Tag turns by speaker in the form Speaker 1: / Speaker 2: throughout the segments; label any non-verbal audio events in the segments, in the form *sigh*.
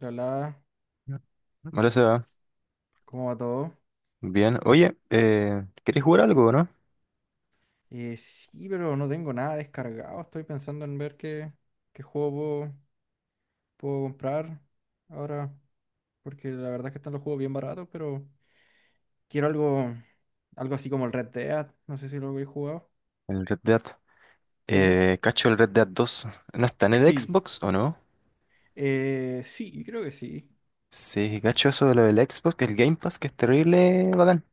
Speaker 1: Hola,
Speaker 2: Hola, Seba.
Speaker 1: ¿cómo va todo?
Speaker 2: Bien. Oye, ¿querés jugar algo, o no?
Speaker 1: Sí, pero no tengo nada descargado. Estoy pensando en ver qué juego puedo comprar ahora, porque la verdad es que están los juegos bien baratos, pero quiero algo así como el Red Dead. No sé si lo habéis jugado.
Speaker 2: El Red Dead.
Speaker 1: Sí,
Speaker 2: ¿Cacho el Red Dead dos? ¿No está en el
Speaker 1: sí,
Speaker 2: Xbox o no?
Speaker 1: sí, creo que sí.
Speaker 2: Sí, cacho eso de lo del Xbox, que el Game Pass, que es terrible, bacán.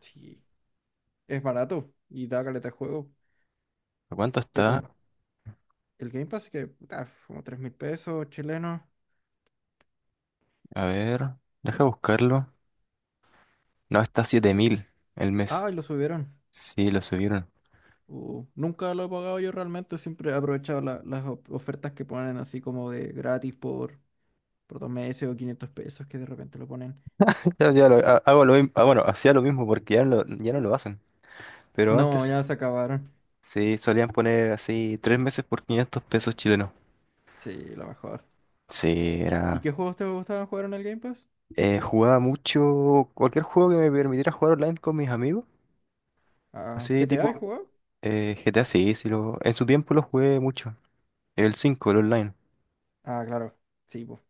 Speaker 1: Sí, es barato y da caleta de juego.
Speaker 2: ¿A cuánto
Speaker 1: ¿Qué otra-
Speaker 2: está?
Speaker 1: El Game Pass, que puta, como 3.000 pesos chilenos.
Speaker 2: A ver, deja buscarlo. No, está 7.000 el mes.
Speaker 1: Ah, y lo subieron.
Speaker 2: Sí, lo subieron. *laughs*
Speaker 1: Nunca lo he pagado yo realmente, siempre he aprovechado las ofertas que ponen así como de gratis por 2 meses o 500 pesos que de repente lo ponen.
Speaker 2: Hago lo mismo. Ah, bueno, hacía lo mismo porque ya, no, ya no lo hacen. Pero
Speaker 1: No,
Speaker 2: antes
Speaker 1: ya se acabaron.
Speaker 2: sí solían poner así 3 meses por 500 pesos chilenos.
Speaker 1: Sí, lo mejor.
Speaker 2: Sí,
Speaker 1: ¿Y
Speaker 2: era.
Speaker 1: qué juegos te gustaban jugar en el Game Pass?
Speaker 2: Jugaba mucho cualquier juego que me permitiera jugar online con mis amigos.
Speaker 1: Ah,
Speaker 2: Así
Speaker 1: ¿GTA he
Speaker 2: tipo
Speaker 1: jugado?
Speaker 2: GTA, sí, en su tiempo lo jugué mucho. El 5, el online.
Speaker 1: Ah, claro, sí, pues.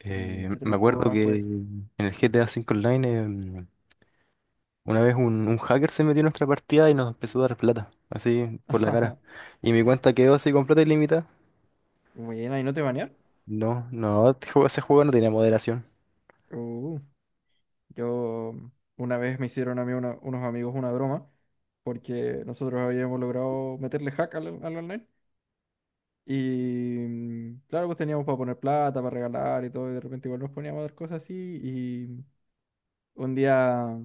Speaker 1: ¿Y qué otro
Speaker 2: Me
Speaker 1: juego
Speaker 2: acuerdo
Speaker 1: más
Speaker 2: que
Speaker 1: pues?
Speaker 2: en el GTA 5 Online. Una vez un hacker se metió en nuestra partida y nos empezó a dar plata, así por la cara.
Speaker 1: *laughs*
Speaker 2: Y mi cuenta quedó así con plata ilimitada.
Speaker 1: Bueno, ¿y no te banearon?
Speaker 2: No, no, ese juego no tenía moderación.
Speaker 1: Uh, yo una vez me hicieron a mí unos amigos una broma porque nosotros habíamos logrado meterle hack al online. Y claro, pues teníamos para poner plata, para regalar y todo, y de repente igual nos poníamos a dar cosas así. Y un día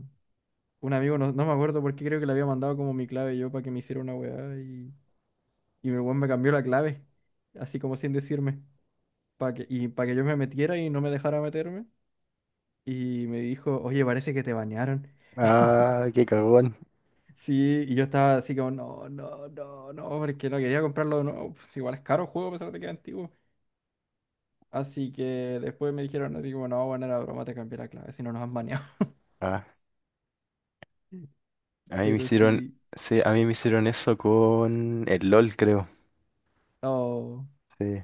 Speaker 1: un amigo, no, no me acuerdo por qué, creo que le había mandado como mi clave yo para que me hiciera una weá. Y el weón me cambió la clave, así como sin decirme, para que yo me metiera y no me dejara meterme. Y me dijo, oye, parece que te bañaron. *laughs*
Speaker 2: Ah, qué cagón.
Speaker 1: Sí, y yo estaba así como, no, no, no, no, porque no quería comprarlo de nuevo. Pues igual es caro el juego a pesar de que es antiguo. Así que después me dijeron así como, no, bueno, era broma, te cambié la clave, si no nos han baneado.
Speaker 2: Ah,
Speaker 1: *laughs*
Speaker 2: a mí me
Speaker 1: Pero
Speaker 2: hicieron,
Speaker 1: sí.
Speaker 2: sí, a mí me hicieron eso con el LOL, creo.
Speaker 1: Oh.
Speaker 2: Sí.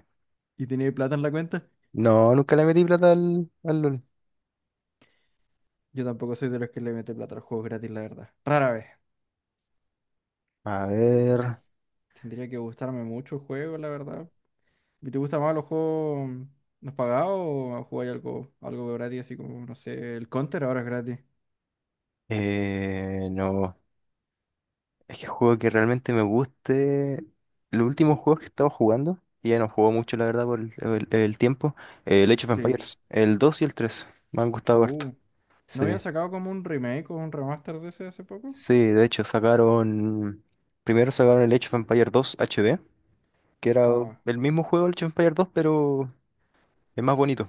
Speaker 1: ¿Y tenía plata en la cuenta?
Speaker 2: No, nunca le metí plata al LOL.
Speaker 1: Yo tampoco soy de los que le mete plata a los juegos gratis, la verdad. Rara vez.
Speaker 2: A
Speaker 1: Te-
Speaker 2: ver,
Speaker 1: Tendría que gustarme mucho el juego, la verdad. ¿Y te gustan más los juegos los pagados o jugáis algo gratis, así como, no sé, el Counter ahora es gratis?
Speaker 2: no. Es que juego que realmente me guste. Los últimos juegos que he estado jugando, y ya no juego mucho, la verdad, por el tiempo. El Age of
Speaker 1: Sí.
Speaker 2: Empires, el 2 y el 3 me han gustado harto.
Speaker 1: Uh, ¿No
Speaker 2: Sí.
Speaker 1: habían sacado como un remake o un remaster de ese hace poco?
Speaker 2: Sí, de hecho, sacaron. Primero sacaron el Age of Empires 2 HD, que era
Speaker 1: Ah,
Speaker 2: el mismo juego, el Age of Empires 2, pero es más bonito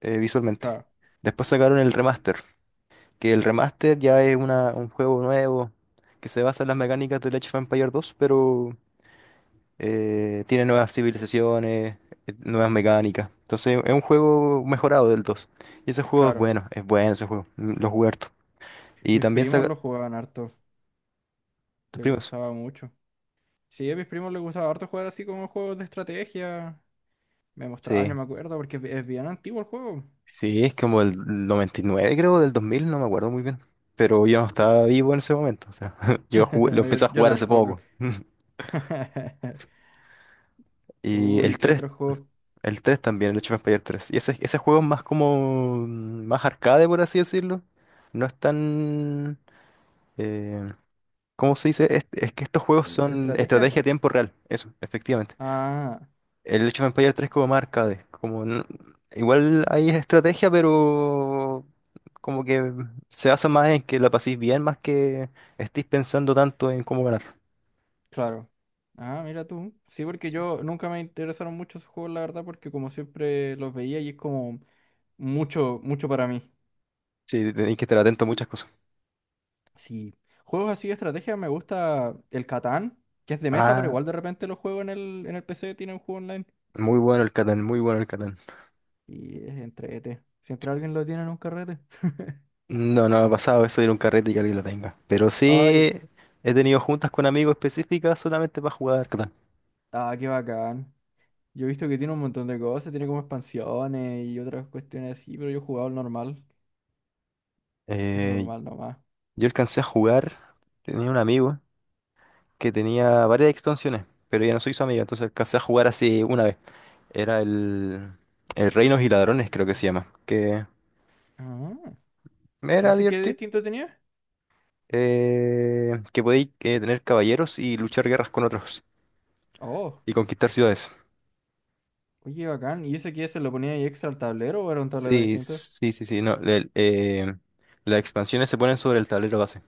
Speaker 2: visualmente.
Speaker 1: claro,
Speaker 2: Después sacaron el remaster, que el remaster ya es un juego nuevo que se basa en las mecánicas del Age of Empires 2, pero tiene nuevas civilizaciones, nuevas mecánicas. Entonces es un juego mejorado del 2. Y ese juego
Speaker 1: claro.
Speaker 2: es bueno ese juego, lo jugué harto. Y
Speaker 1: Mis
Speaker 2: también
Speaker 1: primos
Speaker 2: saca.
Speaker 1: lo jugaban harto.
Speaker 2: Tus
Speaker 1: Les
Speaker 2: primos.
Speaker 1: gustaba mucho. Sí, a mis primos les gustaba harto jugar así como juegos de estrategia. Me mostraban,
Speaker 2: Sí,
Speaker 1: yo me acuerdo, porque es bien antiguo el juego.
Speaker 2: sí, es como el 99 creo, del 2000, no me acuerdo muy bien. Pero yo no estaba vivo en ese momento, o sea, *laughs*
Speaker 1: *laughs*
Speaker 2: lo empecé
Speaker 1: Yo,
Speaker 2: a
Speaker 1: yo
Speaker 2: jugar hace
Speaker 1: tampoco.
Speaker 2: poco. *laughs*
Speaker 1: *laughs*
Speaker 2: Y
Speaker 1: Uy,
Speaker 2: el
Speaker 1: ¿qué
Speaker 2: 3,
Speaker 1: otros juegos
Speaker 2: el 3 también, el Age of Empires 3. Y ese juego es más como, más arcade, por así decirlo. No es tan. eh, ¿Cómo se dice? Es que estos juegos
Speaker 1: de
Speaker 2: son
Speaker 1: estrategia?
Speaker 2: estrategia a tiempo real, eso, efectivamente.
Speaker 1: Ah,
Speaker 2: El Age of Empires 3 como más arcade, como igual hay estrategia, pero como que se basa más en que la paséis bien, más que estéis pensando tanto en cómo ganar.
Speaker 1: claro. Ah, mira tú. Sí, porque yo nunca me interesaron mucho esos juegos, la verdad, porque como siempre los veía y es como mucho, mucho para mí.
Speaker 2: Sí, tenéis que estar atento a muchas cosas.
Speaker 1: Sí. Juegos así de estrategia me gusta el Catán, que es de mesa, pero
Speaker 2: Ah,
Speaker 1: igual de repente lo juego en el PC, tiene un juego online.
Speaker 2: muy bueno el Catán, muy bueno el Catán.
Speaker 1: Y es entrete. Siempre alguien lo tiene en un carrete.
Speaker 2: No, no me ha pasado eso de ir a un carrete y que alguien lo tenga. Pero sí
Speaker 1: Ay,
Speaker 2: he tenido juntas con amigos específicas solamente para jugar Catán.
Speaker 1: ah, qué bacán. Yo he visto que tiene un montón de cosas, tiene como expansiones y otras cuestiones así, pero yo he jugado el normal. Es
Speaker 2: Eh,
Speaker 1: normal nomás.
Speaker 2: yo alcancé a jugar, tenía un amigo que tenía varias expansiones, pero ya no soy su amiga, entonces alcancé a jugar así una vez. Era el Reinos y Ladrones, creo que se llama, que
Speaker 1: Ah,
Speaker 2: me
Speaker 1: ¿y
Speaker 2: era
Speaker 1: ese qué
Speaker 2: divertido,
Speaker 1: distinto tenía?
Speaker 2: que podéis tener caballeros y luchar guerras con otros
Speaker 1: Oh,
Speaker 2: y conquistar ciudades.
Speaker 1: oye, bacán. ¿Y ese qué se lo ponía ahí extra al tablero o era un tablero
Speaker 2: Sí,
Speaker 1: distinto?
Speaker 2: sí, sí, sí, no, las expansiones se ponen sobre el tablero base.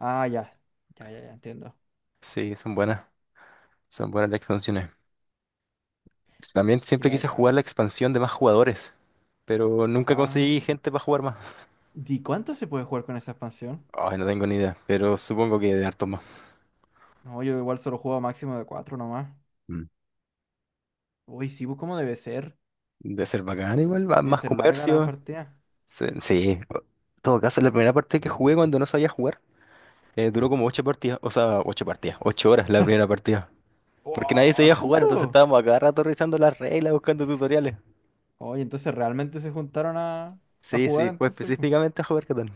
Speaker 1: Ah, ya. Ya, ya, ya entiendo.
Speaker 2: Sí, son buenas las expansiones. También
Speaker 1: Qué
Speaker 2: siempre quise jugar
Speaker 1: bacán.
Speaker 2: la expansión de más jugadores, pero nunca conseguí
Speaker 1: Ah,
Speaker 2: gente para jugar más.
Speaker 1: ¿y cuánto se puede jugar con esa expansión?
Speaker 2: Ay, no tengo ni idea, pero supongo que de hartos más.
Speaker 1: No, yo igual solo juego máximo de cuatro nomás.
Speaker 2: Mm.
Speaker 1: Uy, sí, pues, ¿cómo debe ser?
Speaker 2: Debe ser bacán
Speaker 1: Deben
Speaker 2: igual,
Speaker 1: deben
Speaker 2: más
Speaker 1: ser largas las
Speaker 2: comercio.
Speaker 1: partidas.
Speaker 2: Sí, sí. En todo caso, la primera parte que jugué cuando no sabía jugar, duró como 8 partidas, o sea, 8 partidas, 8 horas la primera partida. Porque nadie
Speaker 1: ¡Wow!
Speaker 2: sabía jugar, entonces
Speaker 1: ¿Tanto?
Speaker 2: estábamos a cada rato revisando las reglas, buscando tutoriales.
Speaker 1: Oye, entonces realmente se juntaron a
Speaker 2: Sí,
Speaker 1: jugar
Speaker 2: sí, fue
Speaker 1: entonces. Pues.
Speaker 2: específicamente a jugar Catán.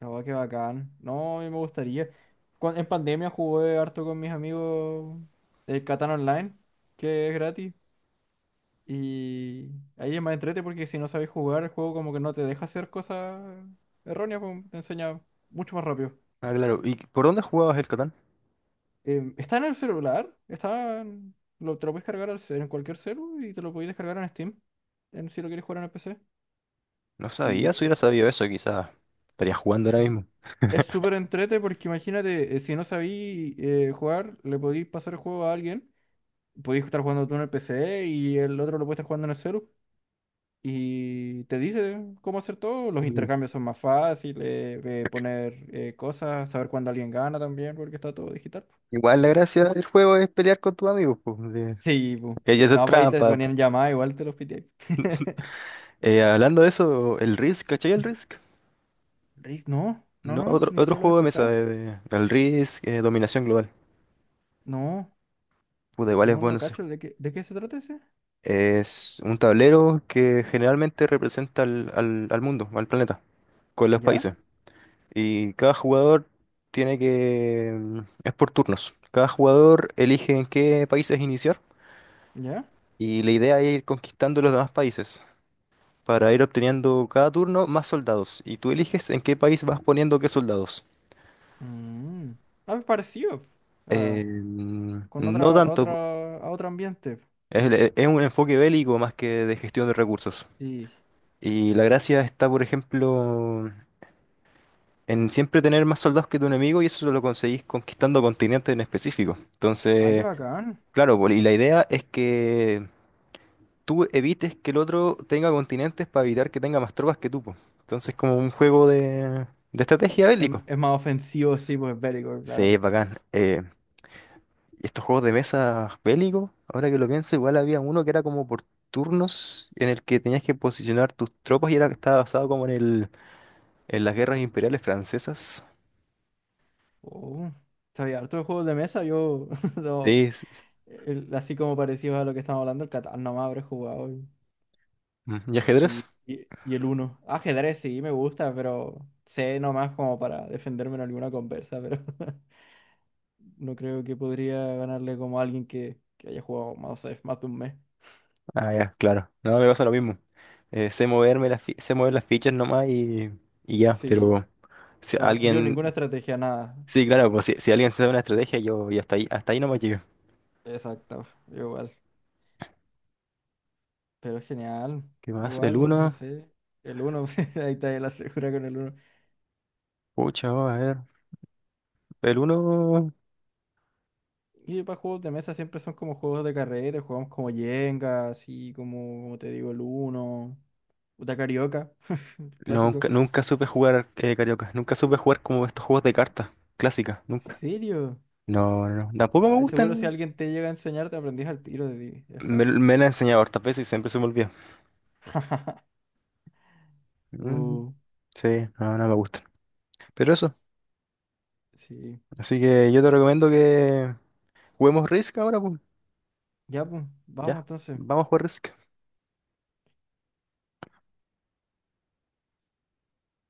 Speaker 1: Oh, qué bacán. No, a mí me gustaría. En pandemia jugué harto con mis amigos el Catán Online, que es gratis. Y ahí es más entrete porque si no sabes jugar, el juego como que no te deja hacer cosas erróneas, pues, te enseña mucho más rápido.
Speaker 2: Ah, claro. ¿Y por dónde jugabas el Catán?
Speaker 1: Está en el celular, lo, te lo puedes cargar en cualquier celu y te lo puedes descargar en Steam, si lo quieres jugar en el PC.
Speaker 2: No
Speaker 1: Y
Speaker 2: sabía, si hubiera
Speaker 1: eh,
Speaker 2: sabido eso, quizás estaría jugando ahora mismo.
Speaker 1: Es súper entrete porque imagínate, si no sabí jugar, le podéis pasar el juego a alguien. Podéis estar jugando tú en el PC y el otro lo puede estar jugando en el celu. Y te dice cómo hacer todo. Los
Speaker 2: Mm.
Speaker 1: intercambios son más fáciles, poner cosas, saber cuándo alguien gana también, porque está todo digital.
Speaker 2: Igual la gracia del juego es pelear con tus amigos, pues.
Speaker 1: Sí, pu.
Speaker 2: Ella es
Speaker 1: No, pues ahí te
Speaker 2: trampa, po.
Speaker 1: ponían llamada, igual te los pité. *laughs*
Speaker 2: Hablando de eso, el Risk, ¿cachai el Risk?
Speaker 1: Risk, no, no,
Speaker 2: No,
Speaker 1: no,
Speaker 2: otro,
Speaker 1: ni
Speaker 2: otro
Speaker 1: siquiera lo he
Speaker 2: juego de mesa,
Speaker 1: escuchado.
Speaker 2: el Risk, Dominación Global.
Speaker 1: No,
Speaker 2: Puta, igual es
Speaker 1: no, no
Speaker 2: bueno.
Speaker 1: lo cacho. ¿De qué se trata ese?
Speaker 2: Es un tablero que generalmente representa al mundo, al planeta, con los países.
Speaker 1: ¿Ya?
Speaker 2: Y cada jugador tiene que. Es por turnos. Cada jugador elige en qué países iniciar
Speaker 1: ¿Ya?
Speaker 2: y la idea es ir conquistando los demás países para ir obteniendo cada turno más soldados. Y tú eliges en qué país vas poniendo qué soldados.
Speaker 1: Mm. Ah, es parecido. Ah,
Speaker 2: No tanto.
Speaker 1: a otro ambiente.
Speaker 2: Es un enfoque bélico más que de gestión de recursos.
Speaker 1: Sí.
Speaker 2: Y la gracia está, por ejemplo, en siempre tener más soldados que tu enemigo y eso lo conseguís conquistando continentes en específico.
Speaker 1: Ah, qué
Speaker 2: Entonces,
Speaker 1: bacán.
Speaker 2: claro, pues, y la idea es que tú evites que el otro tenga continentes para evitar que tenga más tropas que tú, pues. Entonces, como un juego de estrategia
Speaker 1: Es,
Speaker 2: bélico.
Speaker 1: es más ofensivo, sí, pues bélico, claro.
Speaker 2: Sí, bacán. Y estos juegos de mesa bélicos, ahora que lo pienso, igual había uno que era como por turnos en el que tenías que posicionar tus tropas y era estaba basado como en en las guerras imperiales francesas.
Speaker 1: Oh, sabía harto de juegos de mesa, yo *laughs* no,
Speaker 2: Sí,
Speaker 1: así como parecido a lo que estamos hablando, el Catán nomás habré jugado y,
Speaker 2: ¿y
Speaker 1: y,
Speaker 2: ajedrez?
Speaker 1: y el Uno. Ajedrez sí me gusta, pero sé nomás como para defenderme en alguna conversa, pero *laughs* no creo que podría ganarle como a alguien que haya jugado, no sé, más de un mes.
Speaker 2: Ah, ya, claro. No, me pasa lo mismo. Sé sé mover las fichas nomás y ya,
Speaker 1: Sí.
Speaker 2: pero si
Speaker 1: No, yo ninguna
Speaker 2: alguien,
Speaker 1: estrategia, nada.
Speaker 2: sí, claro, pues si alguien sabe una estrategia, yo hasta ahí nomás llego.
Speaker 1: Exacto, yo igual. Pero genial,
Speaker 2: ¿Qué más? El
Speaker 1: igual, no
Speaker 2: uno,
Speaker 1: sé. El uno, *laughs* ahí está la segura con el uno.
Speaker 2: pucha, vamos a ver. El uno.
Speaker 1: Y para juegos de mesa siempre son como juegos de carrera, jugamos como Jenga, así como te digo, el uno. Puta carioca, *laughs* el clásico.
Speaker 2: Nunca, nunca supe jugar carioca, nunca supe jugar como estos juegos de cartas clásicas,
Speaker 1: ¿En
Speaker 2: nunca.
Speaker 1: serio?
Speaker 2: No, no, no, tampoco me
Speaker 1: Ah, seguro si
Speaker 2: gustan.
Speaker 1: alguien te llega a enseñar, te aprendís al tiro de es
Speaker 2: Me,
Speaker 1: fácil.
Speaker 2: me la han enseñado hartas veces y siempre se me olvida. Mm,
Speaker 1: Uh,
Speaker 2: sí, no, no me gustan. Pero eso,
Speaker 1: sí.
Speaker 2: así que yo te recomiendo que juguemos Risk ahora, pues.
Speaker 1: Ya, pues, vamos
Speaker 2: Ya,
Speaker 1: entonces.
Speaker 2: vamos a jugar Risk.